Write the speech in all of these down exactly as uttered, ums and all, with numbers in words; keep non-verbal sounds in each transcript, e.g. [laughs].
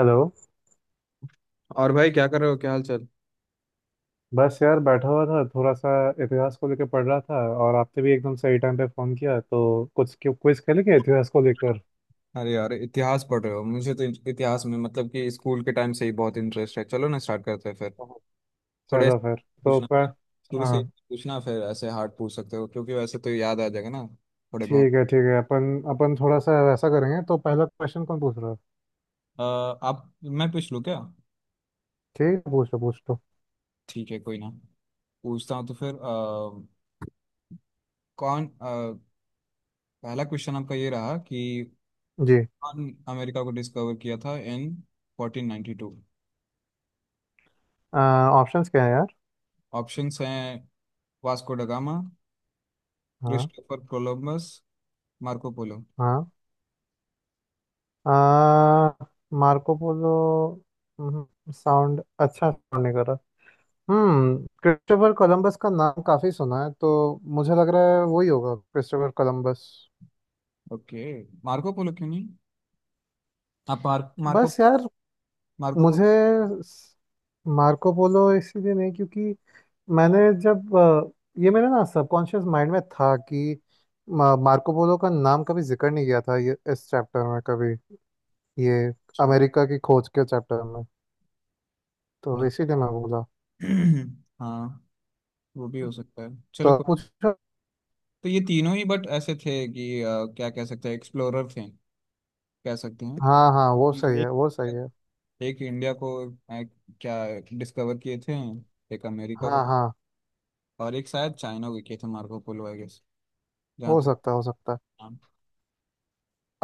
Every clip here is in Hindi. हेलो। और भाई क्या कर रहे हो, क्या हाल चाल। बस यार बैठा हुआ था थोड़ा सा। इतिहास को लेकर पढ़ रहा था। और आपने भी एकदम सही टाइम पे फोन किया, तो कुछ क्विज खेले क्या इतिहास को लेकर? अरे यार, इतिहास पढ़ रहे हो? मुझे तो इत- इतिहास में मतलब कि स्कूल के टाइम से ही बहुत इंटरेस्ट है। चलो ना, स्टार्ट करते हैं फिर। थोड़े चलो ऐसे फिर। तो पूछना पर शुरू से। हाँ, पूछना फिर ऐसे हार्ड, पूछ सकते हो क्योंकि वैसे तो याद आ जाएगा ना थोड़े बहुत। ठीक है ठीक है अपन अपन थोड़ा सा ऐसा करेंगे। तो पहला क्वेश्चन कौन पूछ रहा है? अ, आप मैं पूछ लूँ क्या? ठीक है, पूछ लो पूछ लो ठीक है, कोई ना। पूछता हूँ तो फिर अ, कौन अ, पहला क्वेश्चन आपका ये रहा कि जी, कौन अमेरिका को डिस्कवर किया था in fourteen ninety two? Options क्या है यार? ऑप्शंस हैं वास्को ड गामा, हाँ क्रिस्टोफर कोलंबस, मार्को पोलो। हाँ। आ, मार्को पोलो साउंड अच्छा sound नहीं कर रहा। हम्म। क्रिस्टोफर कोलंबस का नाम काफी सुना है, तो मुझे लग रहा है वही होगा, Christopher Columbus. Okay, Marco Polo क्यों नहीं? आप मार्क मार्को, बस यार, मार्को पोलो। मुझे मार्को पोलो इसीलिए नहीं, क्योंकि मैंने जब अ, ये मेरे ना सबकॉन्शियस माइंड में था कि मा- मार्को पोलो का नाम कभी जिक्र नहीं किया था ये, इस चैप्टर में कभी, ये अच्छा, अमेरिका की खोज के चैप्टर में। तो न- इसीलिए मैं बोला। [clears throat] हाँ, वो भी हो सकता है, चलो तो कोई। पूछो। तो ये तीनों ही बट ऐसे थे कि अ, क्या कह सकते हैं, एक्सप्लोरर थे कह सकते हैं। हाँ हाँ, वो सही है एक, वो सही है। एक इंडिया को अ, क्या डिस्कवर किए थे, एक अमेरिका को, हाँ हाँ। और एक शायद चाइना को किए थे मार्को पोलो आई गेस, जहाँ हो तक। सकता है हो सकता है। हाँ,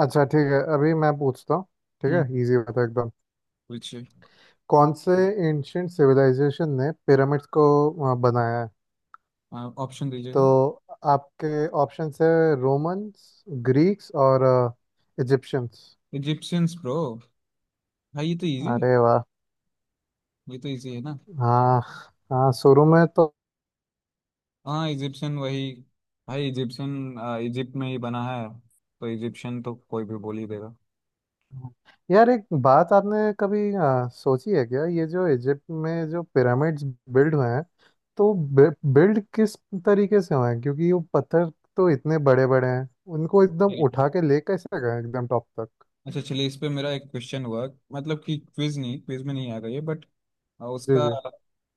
अच्छा ठीक है, अभी मैं पूछता हूँ। ठीक हम्म। है, इजी होता है एकदम। पूछिए, कौन से एंशियंट सिविलाइजेशन ने पिरामिड्स को अ, बनाया है? ऑप्शन तो दीजिएगा। आपके ऑप्शंस है, रोमन्स, ग्रीक्स और इजिप्शियंस। इजिप्शियंस ब्रो, भाई ये तो इजी है, अरे वाह। ये तो इजी है ना। हाँ, हाँ शुरू में तो। हाँ, इजिप्शियन वही। भाई इजिप्शियन, इजिप्ट में ही बना है, तो इजिप्शियन तो कोई भी बोल ही देगा। यार एक बात आपने कभी अ, सोची है क्या, ये जो इजिप्ट में जो पिरामिड्स बिल्ड हुए हैं, तो बिल्ड किस तरीके से हुए हैं? क्योंकि वो पत्थर तो इतने बड़े बड़े हैं, उनको एकदम उठा के ले कैसे गए एकदम टॉप तक? अच्छा चलिए, इस पे मेरा एक क्वेश्चन हुआ, मतलब कि क्विज नहीं, क्विज में नहीं आएगा ये बट जी उसका। जी।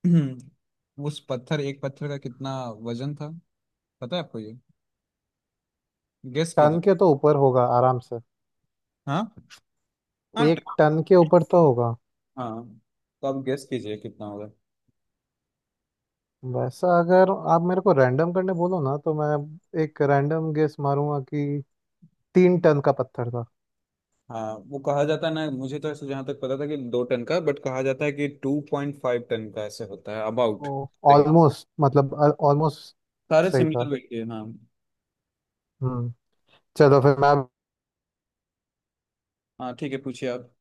[clears throat] उस पत्थर, एक पत्थर का कितना वजन था पता है आपको ये? गेस कीजिए। टन के तो ऊपर होगा आराम से। हाँ, हाँ ट- एक टन के ऊपर तो होगा। हाँ, तो आप गेस कीजिए कितना होगा। वैसा अगर आप मेरे को रैंडम करने बोलो ना, तो मैं एक रैंडम गेस मारूंगा कि तीन टन का पत्थर था। हाँ, वो कहा जाता है ना, मुझे तो ऐसे जहाँ तक पता था कि दो टन का, बट कहा जाता है कि टू पॉइंट फाइव टन का ऐसे होता है अबाउट। ओ, ऑलमोस्ट मतलब, ऑलमोस्ट सारे सही सिमिलर था। वही है हाँ। हम्म। चलो फिर मैं। हाँ ठीक है, पूछिए आप।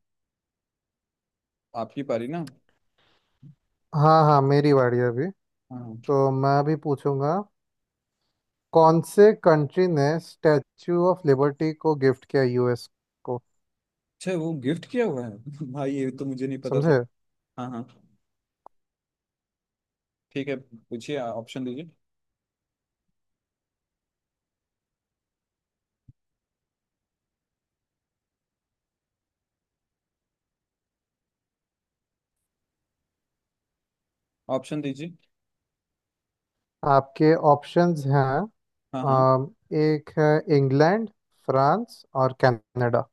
आपकी पारी ना। हाँ हाँ, मेरी बारी है अभी। हाँ। तो मैं अभी पूछूंगा, कौन से कंट्री ने स्टैच्यू ऑफ लिबर्टी को गिफ्ट किया यूएस को? अच्छा, वो गिफ्ट किया हुआ है? [laughs] भाई ये तो मुझे नहीं पता था। समझे? हाँ हाँ, ठीक है, पूछिए, ऑप्शन दीजिए, ऑप्शन दीजिए। आपके ऑप्शंस हैं, हाँ हाँ। अम, एक है इंग्लैंड, फ्रांस और कनाडा।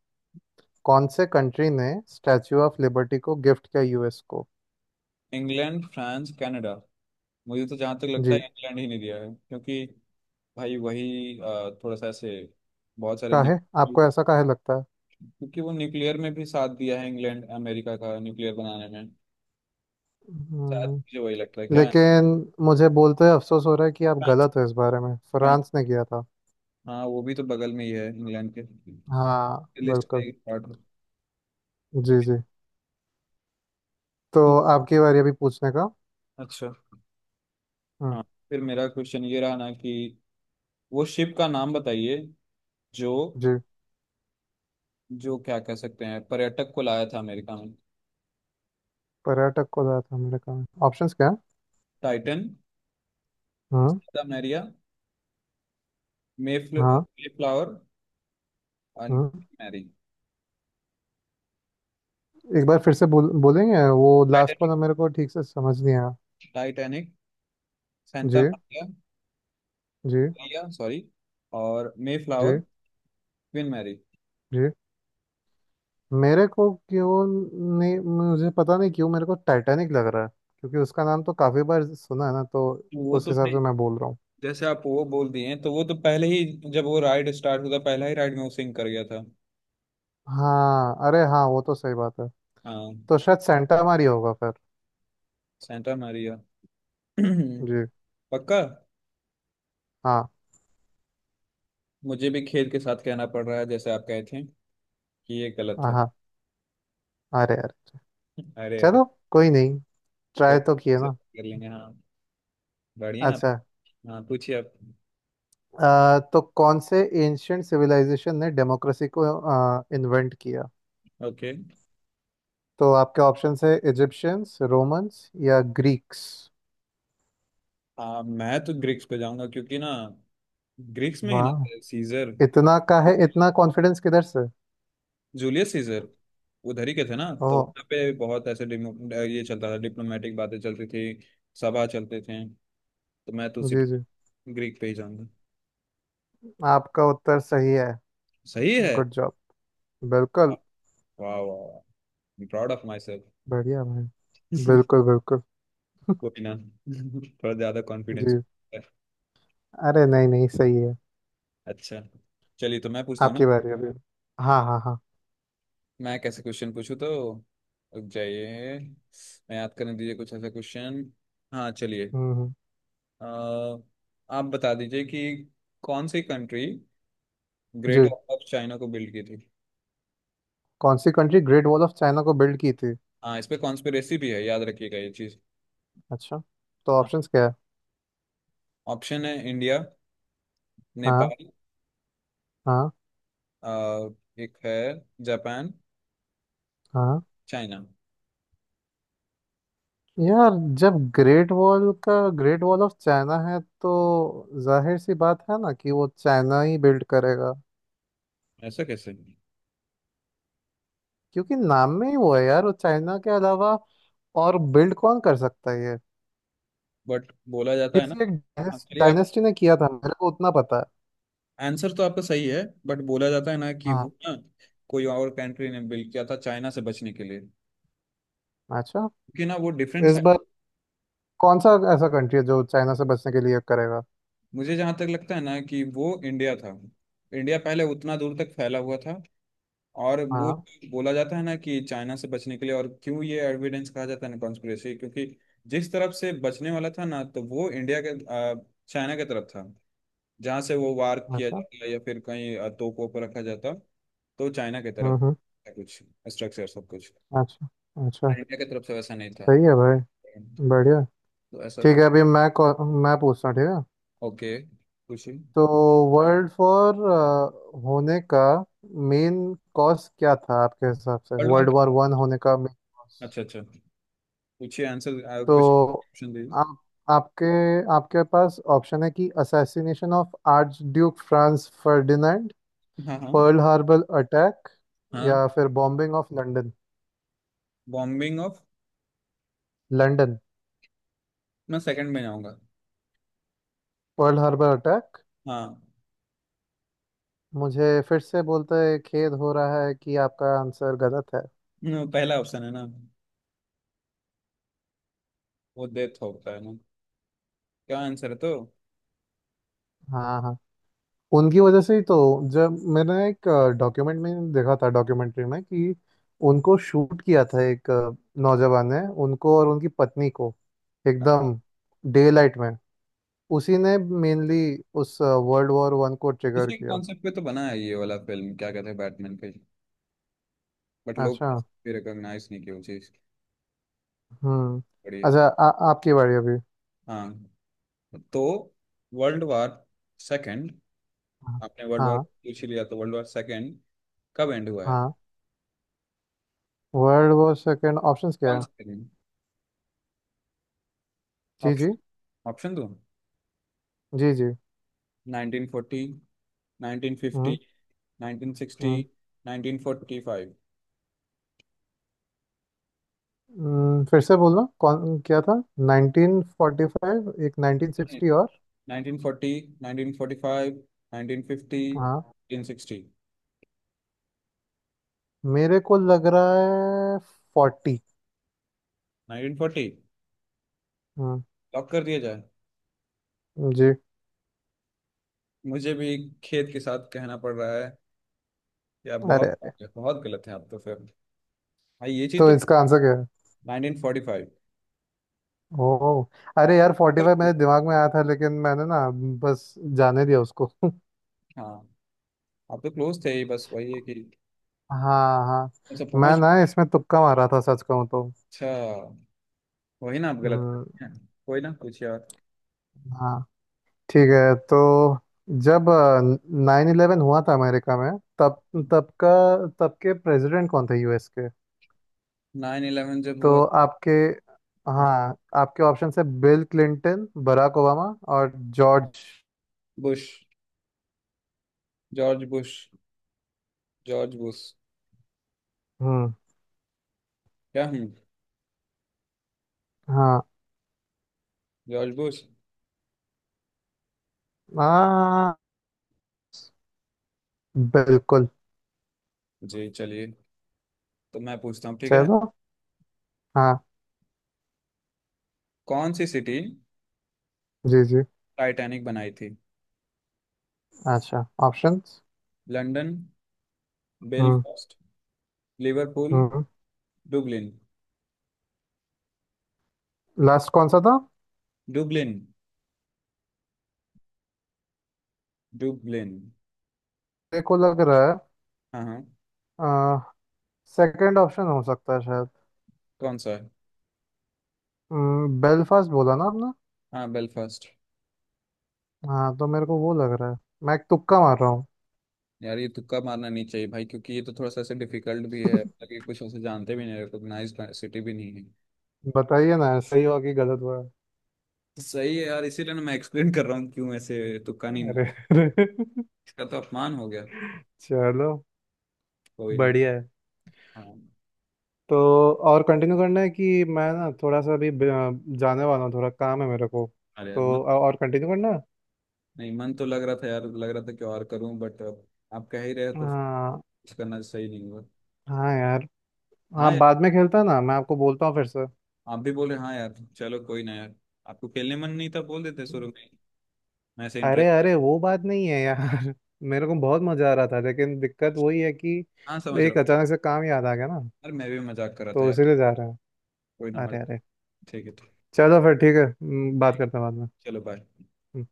कौन से कंट्री ने स्टैच्यू ऑफ लिबर्टी को गिफ्ट किया यूएस को? England, France, Canada. मुझे तो जहाँ तक लगता जी। है, इंग्लैंड ही नहीं दिया है क्योंकि भाई वही अ, थोड़ा सा ऐसे बहुत सारे न्यू- काहे? आपको ऐसा काहे लगता है? क्योंकि वो न्यूक्लियर में भी साथ दिया है, इंग्लैंड अमेरिका का न्यूक्लियर बनाने में, शायद हम्म। मुझे वही लगता है, क्या है। लेकिन मुझे बोलते हुए अफसोस हो रहा है कि आप फ्रांस, गलत हो इस बारे में। फ्रांस, फ्रांस ने किया था। हाँ वो भी तो बगल में ही है इंग्लैंड के। हाँ लिस्ट का बिल्कुल। एक पार्ट में। जी जी। तो तो- आपकी बारी अभी पूछने का। अच्छा। हम्म। हाँ, फिर मेरा क्वेश्चन ये रहा ना कि वो शिप का नाम बताइए जो, जी। जो क्या कह सकते हैं पर्यटक को लाया था अमेरिका में। पर्यटक को ज्यादा था मेरे काम। ऑप्शंस क्या है? टाइटन, हाँ सादा मैरिया, मेफ्ल हाँ फ्लावर एंड हाँ। मैरी। एक बार फिर से बोल बोलेंगे, वो लास्ट टाइटैनिक, वाला मेरे को ठीक से समझ नहीं आया। Titanic, ji Santa ji. Maria sorry, और May ji flower, Queen Mary. Ji. मेरे को क्यों, नहीं मुझे पता नहीं क्यों मेरे को टाइटैनिक लग रहा है, क्योंकि उसका नाम तो काफी बार सुना है ना, तो वो उस तो भाई, हिसाब से मैं बोल रहा हूँ। जैसे आप वो बोल दिए, तो वो तो पहले ही, जब वो राइड स्टार्ट हुआ था पहला ही राइड में वो सिंग कर गया था। हाँ, अरे हाँ वो तो सही बात है। हाँ, तो शायद सेंटा मारी होगा फिर। सेंटा मैरिया। [clears throat] जी। पक्का। हाँ मुझे भी खेद के साथ कहना पड़ रहा है, जैसे आप कहे थे, कि ये गलत हाँ। है। हाँ। अरे अरे। [laughs] अरे अरे, चलो कोई नहीं, ट्राई कोई, तो किए सब ना। कर लेंगे हाँ। बढ़िया आप। अच्छा। हाँ पूछिए आप। अ, तो कौन से एंशियंट सिविलाइजेशन ने डेमोक्रेसी को इन्वेंट किया? ओके। तो आपके ऑप्शंस है, इजिप्शियंस, रोमन्स या ग्रीक्स। हाँ, मैं तो ग्रीक्स पे जाऊंगा क्योंकि ना ग्रीक्स में ही ना थे वाह, सीजर, इतना का है इतना कॉन्फिडेंस किधर से? जूलियस सीजर उधर ही के थे ना, तो ओह। वहाँ पे बहुत ऐसे डिमो- ये चलता था, डिप्लोमेटिक बातें चलती थी, सभा चलते थे, तो मैं तो जी सिर्फ जी। ग्रीक पे ही जाऊंगा। आपका उत्तर सही है। सही है। Good job. बिल्कुल। वाह वाह, प्राउड ऑफ माई सेल्फ। बढ़िया भाई। [laughs] बिल्कुल बिल्कुल। कोई ना [laughs] थोड़ा ज्यादा कॉन्फिडेंस। जी। अरे नहीं नहीं, सही है। अच्छा चलिए तो मैं पूछता हूँ ना। आपकी बारी अभी। हाँ हाँ हाँ। मैं कैसे क्वेश्चन पूछूँ तो, रुक जाइए, मैं याद करने दीजिए कुछ ऐसा क्वेश्चन। हाँ चलिए। हम्म हम्म। अ, आप बता दीजिए कि कौन सी कंट्री जी। ग्रेट वॉल ऑफ चाइना को बिल्ड की थी। कौन सी country Great Wall of China को बिल्ड की थी? हाँ इस पे कॉन्स्पिरेसी भी है, याद रखिएगा ये चीज़। अच्छा। तो हाँ, ऑप्शंस क्या है? ऑप्शन है इंडिया, हाँ नेपाल, हाँ अ, एक है जापान, हाँ। चाइना। यार जब ग्रेट वॉल का ग्रेट वॉल ऑफ चाइना है तो जाहिर सी बात है ना कि वो चाइना ही बिल्ड करेगा। ऐसा कैसे? क्योंकि नाम में ही वो है यार, वो चाइना के अलावा और बिल्ड कौन कर सकता है ये? बट बोला जाता है ना। किसी एक हाँ, चलिए आप। डायनेस्टी ने किया था, मेरे को उतना पता है। आंसर तो आपका सही है, बट बोला जाता है ना कि हाँ। वो ना कोई और कंट्री ने बिल्ड किया था चाइना से बचने के लिए, अच्छा। क्योंकि ना वो डिफरेंस इस है। बार कौन सा ऐसा कंट्री है जो चाइना से बचने के लिए करेगा? मुझे जहां तक लगता है ना कि वो इंडिया था। इंडिया पहले उतना दूर तक फैला हुआ था, और वो हाँ। बोला जाता है ना कि चाइना से बचने के लिए, और क्यों ये एविडेंस कहा जाता है ना कॉन्स्पिरेसी, क्योंकि जिस तरफ से बचने वाला था ना, तो वो इंडिया के अ, चाइना के तरफ था, जहाँ से वो वार किया अच्छा। जाता, या फिर कहीं अ, तोपों पर रखा जाता। तो चाइना की हम्म तरफ हम्म। है कुछ स्ट्रक्चर सब कुछ, अच्छा अच्छा। इंडिया की तरफ से वैसा नहीं था, सही है भाई, बढ़िया। तो ऐसा ठीक तो। है अभी मैं कौ- मैं पूछता हूँ, ठीक है। ओके, पूछिए। तो वर्ल्ड वॉर होने का मेन कॉज क्या था आपके हिसाब से, world world war, war one होने का मेन कॉज? अच्छा अच्छा, पूछिए आंसर, आ, कुछ तो ऑप्शन दीजिए। आप आपके आपके पास ऑप्शन है कि assassination of archduke Franz Ferdinand, हाँ हाँ। पर्ल हार्बर अटैक हाँ, या फिर bombing of London. Bombing of, London, मैं सेकंड में जाऊंगा। पर्ल हार्बर अटैक, हाँ, मुझे फिर से बोलते खेद हो रहा है कि आपका आंसर गलत है। न, पहला ऑप्शन है ना, वो डेथ होता है ना, क्या आंसर है तो? हाँ हाँ, उनकी वजह से ही तो। जब मैंने एक डॉक्यूमेंट में देखा था, डॉक्यूमेंट्री में कि उनको शूट किया था एक अ, नौजवान ने, उनको और उनकी पत्नी को, हाँ, एकदम डे लाइट में। उसी ने मेनली उस वर्ल्ड वॉर वन को इसी ट्रिगर के किया। कॉन्सेप्ट पे तो बना है, ये वाला फिल्म क्या कहते हैं, बैटमैन पे। बट लोग अच्छा। भी रिकॉग्नाइज नहीं किया वो चीज़ हम्म। बड़ी। अच्छा, आ, आपकी बारी अभी। हाँ, तो वर्ल्ड वॉर सेकंड। हाँ आपने वर्ल्ड वॉर हाँ पूछ ही लिया, तो वर्ल्ड वॉर सेकंड कब एंड हुआ है, हाँ। वर्ल्ड वॉर सेकेंड ऑप्शंस क्या कौन है? सा दिन? जी जी। ऑप्शन, ऑप्शन दो, जी जी। नाइंटीन फोर्टी, नाइंटीन फिफ्टी, हम्म। नाइंटीन सिक्सटी, हम्म। Nineteen forty five. हम्म, फिर से बोलना कौन क्या था? नाइन्टीन फोर्टी फाइव एक नाइन्टीन सिक्स्टी और nineteen forty, nineteen forty five, nineteen fifty, हाँ। Nineteen sixty. मेरे को लग रहा है फोर्टी। नाइंटीन फोर्टी हम्म। लॉक कर दिया जाए। जी। मुझे भी खेद के साथ कहना पड़ रहा है, या अरे बहुत अरे, बहुत गलत है आप, तो फिर भाई ये चीज़ तो तो। इसका आंसर क्या है? Nineteen forty five. ओ। अरे यार फोर्टी फाइव मेरे दिमाग में आया था, लेकिन मैंने ना बस जाने दिया उसको। [laughs] हाँ आप तो क्लोज थे ही, बस वही है कि। हाँ हाँ। अच्छा मैं पहुंच। ना इसमें तुक्का मारा था सच कहूँ तो। अच्छा, वही ना आप गलत हम्म। हैं। कोई ना, कुछ यार। हाँ ठीक है। तो जब नाइन इलेवन हुआ था अमेरिका में, तब तब का तब के प्रेसिडेंट कौन थे यूएस के? नाइन इलेवन जब हुआ तो आपके, था। हाँ, आपके ऑप्शन है बिल क्लिंटन, बराक ओबामा और George. Bush, George Bush, George Bush, हम्म। क्या हूँ, हाँ जॉर्ज बुश। हाँ, बिल्कुल। जी चलिए, तो मैं पूछता हूँ ठीक है। चलो। हाँ। कौन सी सिटी जी जी। टाइटैनिक बनाई थी? अच्छा ऑप्शंस। लंदन, हम्म। बेलफास्ट, लिवरपूल, हम्म। डुबलिन। लास्ट कौन सा था? Dublin, Dublin. देखो लग रहा हाँ हाँ। है सेकंड ऑप्शन हो सकता है शायद, कौन सा है? बेलफास्ट बोला ना आपने? हाँ बेलफास्ट। हाँ तो मेरे को वो लग रहा है, मैं एक तुक्का मार रहा हूँ। यार ये तुक्का मारना नहीं चाहिए भाई, क्योंकि ये तो थोड़ा सा ऐसे डिफिकल्ट भी है, ताकि कुछ ऐसे जानते भी नहीं, रिकॉग्नाइज सिटी भी नहीं है। बताइए ना, सही हुआ कि गलत हुआ? सही है यार, इसीलिए ना मैं एक्सप्लेन कर रहा हूँ क्यों ऐसे तुक्का नहीं। अरे अरे। [laughs] इसका तो अपमान हो गया। चलो, कोई ना। बढ़िया है। हाँ। तो और कंटिन्यू करना है कि मैं ना थोड़ा सा अभी ब- अ, जाने वाला हूँ, थोड़ा काम है मेरे को। अरे मन, तो अ- और कंटिन्यू करना है? नहीं मन तो लग रहा था यार, लग रहा था कि और करूं बट अब आप कह ही रहे तो हाँ कुछ करना सही नहीं हुआ। हाँ यार। हाँ हाँ यार, बाद में खेलता ना, मैं आपको बोलता हूँ फिर से। आप भी बोले हाँ यार, चलो कोई ना यार। आपको खेलने मन नहीं था, बोल देते शुरू में, मैं ऐसे अरे इंटरेस्ट। अरे वो बात नहीं है यार। [laughs] मेरे को बहुत मजा आ रहा था, लेकिन दिक्कत वही है कि हाँ समझ रहा एक हूँ। अचानक से काम याद आ गया ना, यार मैं भी मजाक कर रहा था तो यार। इसीलिए जा रहा कोई ना, है। अरे मजाक। अरे। ठीक है, ठीक चलो फिर ठीक है। हम्म, बात ठीक, करते हैं बाद चलो बाय। में।